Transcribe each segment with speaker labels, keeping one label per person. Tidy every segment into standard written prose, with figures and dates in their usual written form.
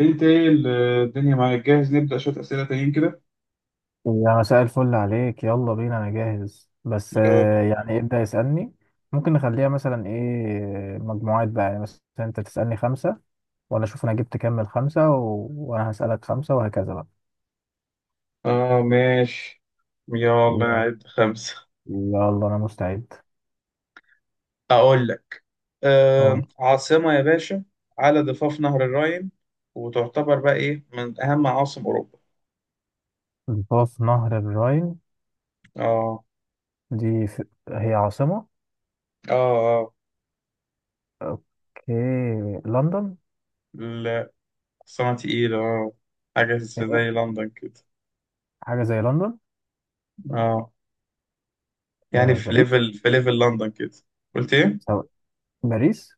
Speaker 1: انت ايه الدنيا معاك جاهز، نبدأ شوية أسئلة تانيين كده.
Speaker 2: يا مساء الفل عليك، يلا بينا، انا جاهز بس
Speaker 1: يلا يلا.
Speaker 2: يعني ابدأ يسألني. ممكن نخليها مثلا ايه، مجموعات بقى، يعني مثلا انت تسألني خمسة وانا اشوف انا جبت كام من خمسة، وانا هسألك خمسة وهكذا بقى.
Speaker 1: اه ماشي. يلا
Speaker 2: يلا
Speaker 1: نعد خمسة.
Speaker 2: يلا، انا مستعد.
Speaker 1: أقول لك. آه،
Speaker 2: أقول.
Speaker 1: عاصمة يا باشا على ضفاف نهر الراين، وتعتبر بقى ايه من أهم عواصم أوروبا.
Speaker 2: ضفاف نهر الراين،
Speaker 1: اه.
Speaker 2: هي عاصمة.
Speaker 1: اه. اه.
Speaker 2: اوكي، لندن.
Speaker 1: لا. عاصمة تقيلة اه، حاجة زي
Speaker 2: إيه؟
Speaker 1: لندن كده.
Speaker 2: حاجة زي لندن.
Speaker 1: اه، يعني في
Speaker 2: باريس.
Speaker 1: ليفل في ليفل لندن كده. قلت ايه؟
Speaker 2: سو... باريس.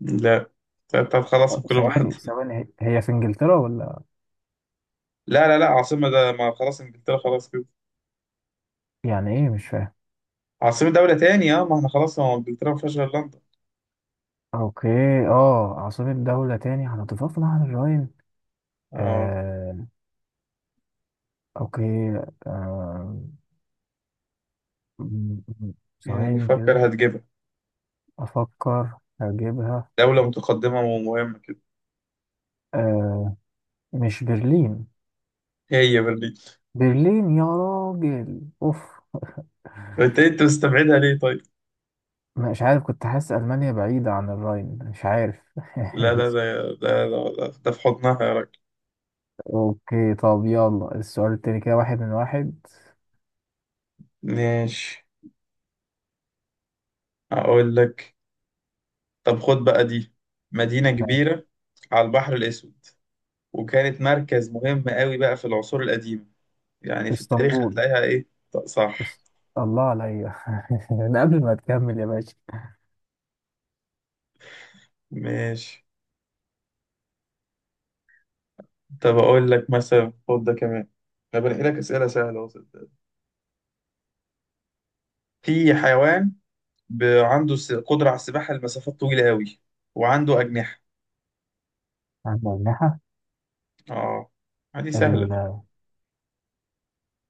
Speaker 1: لا. طب طب خلاص كلهم حد.
Speaker 2: ثواني ثواني، هي في انجلترا ولا؟
Speaker 1: لا لا لا، عاصمة، ده ما خلاص انجلترا خلاص كده.
Speaker 2: يعني ايه؟ مش فاهم.
Speaker 1: عاصمة دولة تاني اه، ما احنا خلاص هو انجلترا ما فيهاش غير لندن.
Speaker 2: اوكي. اه، عاصمة دولة تاني هنضيفها في نهر الراين.
Speaker 1: اه.
Speaker 2: آه. اوكي. آه. م- م-
Speaker 1: يعني
Speaker 2: ثواني
Speaker 1: فكر
Speaker 2: كده،
Speaker 1: هتجيبها،
Speaker 2: افكر هجيبها.
Speaker 1: دولة متقدمة ومهمة كده.
Speaker 2: آه. مش برلين؟
Speaker 1: هي برلين.
Speaker 2: برلين يا راجل، اوف.
Speaker 1: طيب، انت مستبعدها ليه طيب؟
Speaker 2: مش عارف، كنت حاسس المانيا بعيدة عن الراين، مش عارف.
Speaker 1: لا لا لا، ده ده في حضنها يا راجل.
Speaker 2: اوكي، طب يلا السؤال التاني كده، واحد من واحد.
Speaker 1: ماشي، اقول لك. طب خد بقى دي، مدينة
Speaker 2: ماشي.
Speaker 1: كبيرة على البحر الأسود، وكانت مركز مهم قوي بقى في العصور القديمة، يعني في التاريخ
Speaker 2: اسطنبول.
Speaker 1: هتلاقيها إيه. طب صح.
Speaker 2: اس... الله عليا. ده قبل ما تكمل يا باشا.
Speaker 1: ماشي، طب أقول لك مثلا، خد ده كمان. أنا بنقي لك أسئلة سهلة، وصلت. في حيوان عنده قدرة على السباحة لمسافات طويلة قوي، وعنده أجنحة.
Speaker 2: عندنا.
Speaker 1: اه، دي سهلة دي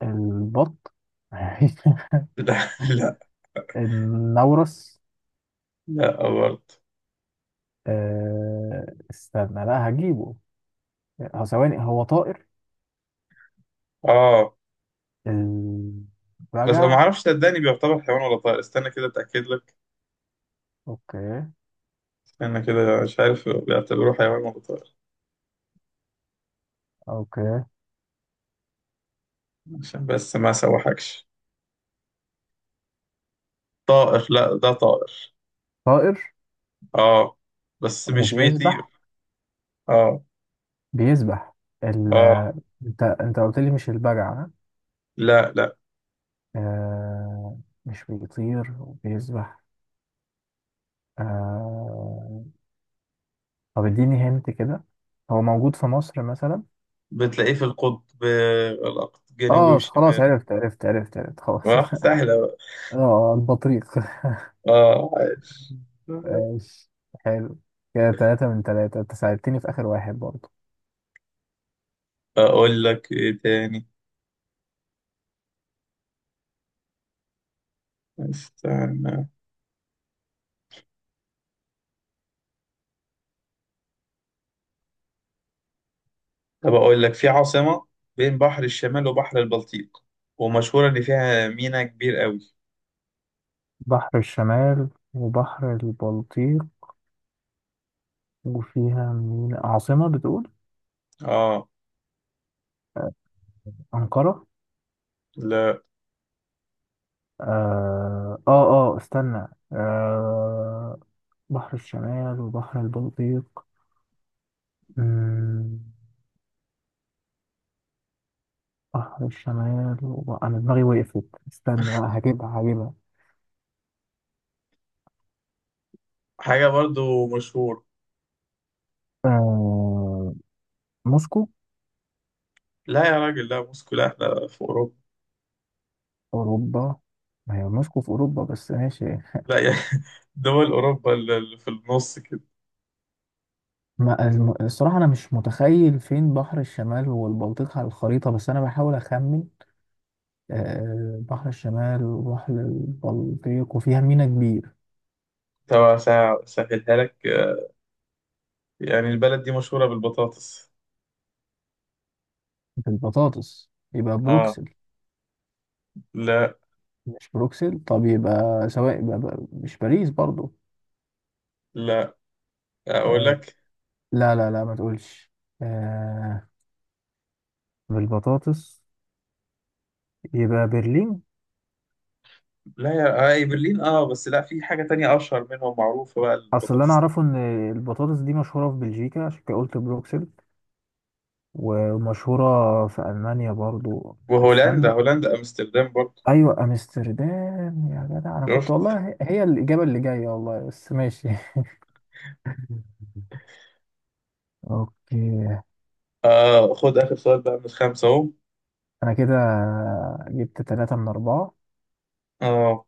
Speaker 2: البط.
Speaker 1: لا لا.
Speaker 2: النورس.
Speaker 1: لا برضه.
Speaker 2: أه، استنى، لا هجيبه. هو ثواني، هو طائر.
Speaker 1: اه، بس ما
Speaker 2: البجع.
Speaker 1: اعرفش صدقني، بيعتبر حيوان ولا طائر، استنى كده اتاكد لك.
Speaker 2: اوكي.
Speaker 1: استنى كده، مش عارف بيعتبروه حيوان ولا طائر،
Speaker 2: اوكي،
Speaker 1: عشان بس ما اسوحكش. طائر، لا ده طائر.
Speaker 2: طائر
Speaker 1: اه بس مش بيطير.
Speaker 2: وبيسبح.
Speaker 1: اه.
Speaker 2: بيسبح. ال...
Speaker 1: اه.
Speaker 2: انت قلت لي مش البجع، ها؟
Speaker 1: لا لا،
Speaker 2: أه، مش بيطير وبيسبح. أه... طب اديني هنت كده، هو موجود في مصر مثلا؟
Speaker 1: بتلاقيه في القطب، القطب الجنوبي
Speaker 2: اه خلاص،
Speaker 1: والشمال.
Speaker 2: عرفت عرفت عرفت عرفت خلاص.
Speaker 1: اه سهلة بقى.
Speaker 2: اه، البطريق.
Speaker 1: اه عايش.
Speaker 2: ماشي. حلو. كده تلاتة من تلاتة، انت ساعدتني في آخر واحد برضه.
Speaker 1: اقول لك ايه تاني. استنى. طب اقول لك، في عاصمة بين بحر الشمال وبحر البلطيق، ومشهورة ان فيها ميناء كبير قوي.
Speaker 2: بحر الشمال وبحر البلطيق، وفيها مين؟ عاصمة بتقول.
Speaker 1: اه.
Speaker 2: أنقرة.
Speaker 1: لا
Speaker 2: آه، آه. آه استنى. آه، بحر الشمال وبحر البلطيق. مم، بحر الشمال أنا دماغي وقفت. استنى، لا هجيبها هجيبها.
Speaker 1: حاجة برضو مشهور.
Speaker 2: آه، موسكو.
Speaker 1: لا يا راجل، لا، موسكو لا، احنا في اوروبا.
Speaker 2: أوروبا؟ ما هي موسكو في أوروبا، بس ماشي.
Speaker 1: لا يا دول اوروبا اللي في النص كده.
Speaker 2: ما الصراحة أنا مش متخيل فين بحر الشمال والبلطيق على الخريطة، بس أنا بحاول أخمن. بحر الشمال وبحر البلطيق وفيها ميناء كبير.
Speaker 1: طب اسهلها لك، يعني البلد دي مشهورة بالبطاطس.
Speaker 2: بالبطاطس؟ يبقى
Speaker 1: اه.
Speaker 2: بروكسل.
Speaker 1: لا.
Speaker 2: مش بروكسل؟ طب يبقى سواء، يبقى مش باريس برضو.
Speaker 1: لا، اقول
Speaker 2: آه،
Speaker 1: لك.
Speaker 2: لا لا لا ما تقولش. آه، بالبطاطس يبقى برلين.
Speaker 1: لا يا، اي برلين اه، بس لا، في حاجة تانية اشهر منهم، معروفة بقى
Speaker 2: أصل اللي أنا
Speaker 1: البطاطس
Speaker 2: أعرفه إن البطاطس دي مشهورة في بلجيكا، عشان كده قلت بروكسل، ومشهورة في ألمانيا برضو.
Speaker 1: وهولندا.
Speaker 2: استنى،
Speaker 1: هولندا امستردام برضه.
Speaker 2: ايوه امستردام يا جدع، انا كنت
Speaker 1: شفت.
Speaker 2: والله هي الاجابه اللي جايه، والله بس ماشي. اوكي،
Speaker 1: آه، خد اخر سؤال بقى من الخمسه اهو.
Speaker 2: انا كده جبت ثلاثة من أربعة.
Speaker 1: اه،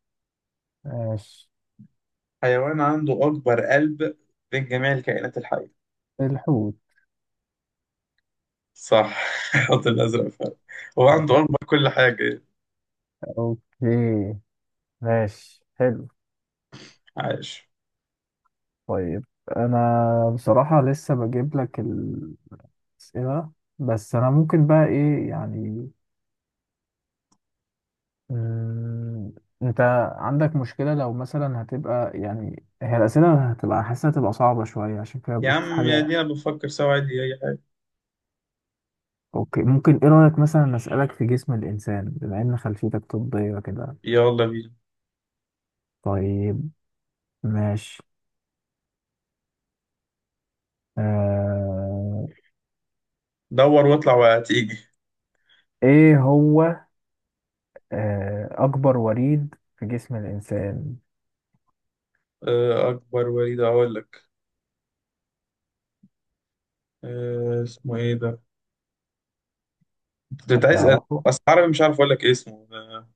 Speaker 2: ماشي.
Speaker 1: حيوان عنده اكبر قلب بين جميع الكائنات الحيه.
Speaker 2: الحوت.
Speaker 1: صح الحوت الازرق فعلا، هو عنده اكبر كل حاجه.
Speaker 2: اوكي. ماشي. حلو.
Speaker 1: عايش.
Speaker 2: طيب، انا بصراحة لسه بجيب لك الأسئلة، بس انا ممكن بقى ايه يعني، مم، انت عندك مشكلة لو مثلا هتبقى يعني هي الأسئلة هتبقى حاسة هتبقى صعبة شوية؟ عشان كده
Speaker 1: يا
Speaker 2: بشوف
Speaker 1: عم يا
Speaker 2: حاجة.
Speaker 1: دي انا بفكر سوا عادي اي حاجه.
Speaker 2: اوكي، ممكن ايه رأيك مثلا اسألك في جسم الانسان، بما ان خلفيتك طبية كده؟
Speaker 1: يلا بينا.
Speaker 2: طيب. ماشي. آه...
Speaker 1: دور واطلع وهتيجي.
Speaker 2: ايه هو اكبر وريد في جسم الانسان؟
Speaker 1: آه اكبر وليد، اقول لك. آه اسمه ايه ده، كنت عايز
Speaker 2: هتعرفه.
Speaker 1: بس عربي مش عارف اقول لك إيه اسمه،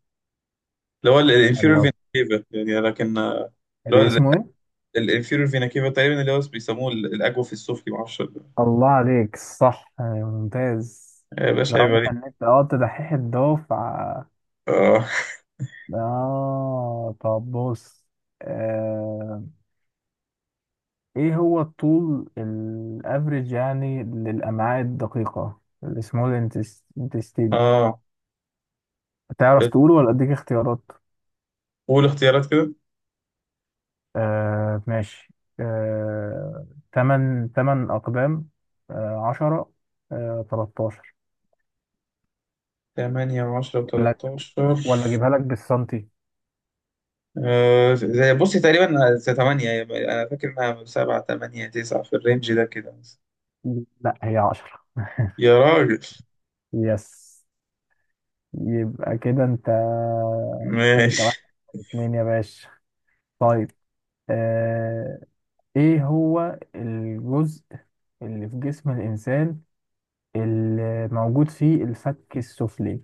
Speaker 1: اللي هو الانفيرو
Speaker 2: الله،
Speaker 1: فينتيفا يعني، لكن اللي
Speaker 2: ده
Speaker 1: هو
Speaker 2: اسمه ايه؟
Speaker 1: الانفيرور فينا كيفا تقريبا، اللي هو بيسموه الاجوف السفلي، ما اعرفش
Speaker 2: الله عليك، صح. ممتاز.
Speaker 1: يا
Speaker 2: ده
Speaker 1: باشا عيب
Speaker 2: واضح
Speaker 1: عليك.
Speaker 2: ان انت تدحيح الدفعة.
Speaker 1: اه.
Speaker 2: اه، طب بص. آه... ايه هو الطول الافريج يعني للامعاء الدقيقة، السمول intestine؟
Speaker 1: اه،
Speaker 2: تعرف تقوله ولا اديك اختيارات؟
Speaker 1: قول اختيارات كده.
Speaker 2: آه ماشي. آه، تمن اقدام، آه عشرة، آه تلتاشر.
Speaker 1: 8 و10
Speaker 2: ولا
Speaker 1: و13.
Speaker 2: ولا اجيبها لك بالسنتي؟
Speaker 1: آه زي، بصي تقريبا زي 8، انا فاكر انها 7 8 9 في الرينج ده كده مثلا.
Speaker 2: لا، هي عشرة.
Speaker 1: يا راجل.
Speaker 2: يس، يبقى كده انت
Speaker 1: ماشي.
Speaker 2: واحد اتنين يا باشا. طيب. آه. ايه هو الجزء اللي في جسم الانسان اللي موجود فيه الفك السفلي؟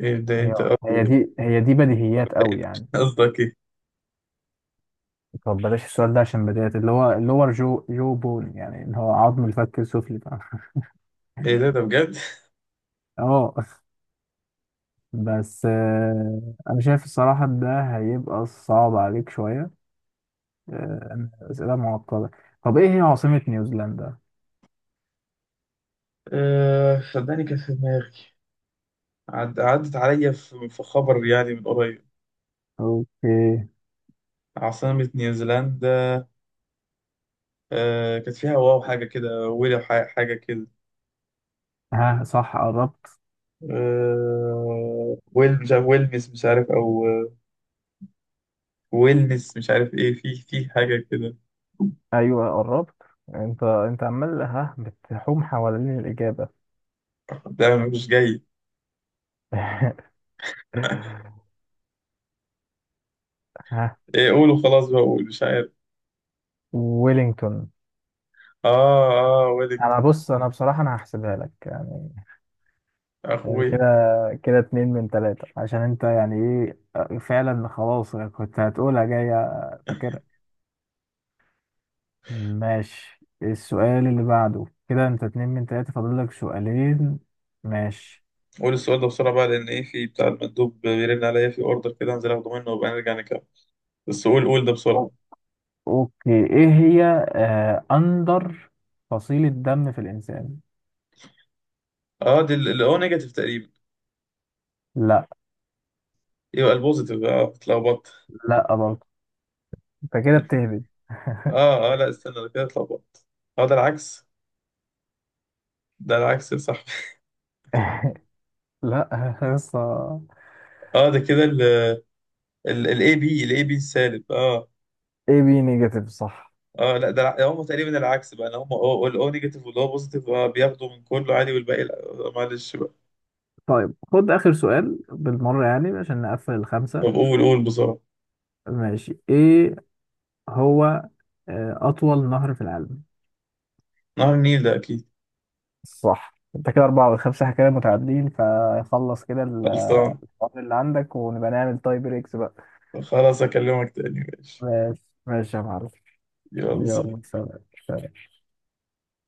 Speaker 1: ابدا
Speaker 2: هي
Speaker 1: انت
Speaker 2: هي دي، هي دي بديهيات قوي يعني.
Speaker 1: قصدك ايه؟
Speaker 2: طب بلاش السؤال ده، عشان بديهيات، اللي هو اللور جو جو بون، يعني اللي هو عظم الفك السفلي ده.
Speaker 1: ايه ده، ده بجد؟
Speaker 2: اه، بس انا شايف الصراحة ده هيبقى صعب عليك شوية. أسئلة معقدة. طب ايه هي عاصمة نيوزيلندا؟
Speaker 1: آه صدقني كانت في دماغي، عدت عليا في خبر يعني من قريب.
Speaker 2: اوكي.
Speaker 1: عاصمة نيوزيلندا، آه كانت فيها واو حاجة كده، ويل حاجة كده.
Speaker 2: ها صح، قربت.
Speaker 1: آه ويل، مش عارف، ويلنس مش عارف، أو ويلنس مش عارف إيه، في حاجة كده.
Speaker 2: ايوه، قربت. انت عمال ها، بتحوم حوالين الاجابه.
Speaker 1: لا مش جاي.
Speaker 2: ها،
Speaker 1: إيه قولوا خلاص بقى، قول مش عارف.
Speaker 2: ويلينجتون.
Speaker 1: آه. آه ويلك.
Speaker 2: انا بص انا بصراحه انا هحسبها لك يعني كده
Speaker 1: أخويا.
Speaker 2: كده اتنين من تلاته عشان انت يعني ايه فعلا، خلاص كنت هتقولها جايه. فاكر. ماشي. السؤال اللي بعده كده، انت اتنين من تلاته، فاضل لك سؤالين. ماشي.
Speaker 1: قول السؤال ده بسرعة بقى، لأن إيه في بتاع المندوب بيرن عليا في أوردر كده، هنزل آخده منه وبقى نرجع نكمل. بس قول قول ده
Speaker 2: أو-
Speaker 1: بسرعة.
Speaker 2: اوكي، ايه هي اندر فصيله دم في الانسان؟
Speaker 1: آه دي الأو نيجاتيف تقريبا.
Speaker 2: لا.
Speaker 1: يبقى البوزيتيف، آه اتلخبطت.
Speaker 2: لا برضه. انت كده بتهبد.
Speaker 1: آه آه لا، استنى ده كده اتلخبطت. آه ده العكس. ده العكس صح.
Speaker 2: لا لسه.
Speaker 1: اه ده كده، الاي بي السالب اه.
Speaker 2: اي بي نيجاتيف، صح.
Speaker 1: اه لا، ده هم تقريبا العكس بقى هم. الاو نيجاتيف واللي هو بوزيتيف آه، بياخدوا من كله عادي والباقي لا. آه، معلش بقى.
Speaker 2: طيب، خد اخر سؤال بالمره يعني عشان نقفل الخمسه.
Speaker 1: طب قول قول بسرعة.
Speaker 2: ماشي، ايه هو اطول نهر في العالم؟
Speaker 1: نهر النيل ده اكيد.
Speaker 2: صح. انت كده اربعه والخمسه، احنا كده متعادلين، فخلص كده الوقت
Speaker 1: خلصان.
Speaker 2: اللي عندك، ونبقى نعمل تاي بريكس بقى.
Speaker 1: خلاص اكلمك تاني ماشي.
Speaker 2: ماشي ماشي يا معلم.
Speaker 1: يلا سلام.
Speaker 2: يلا سلام. سلام.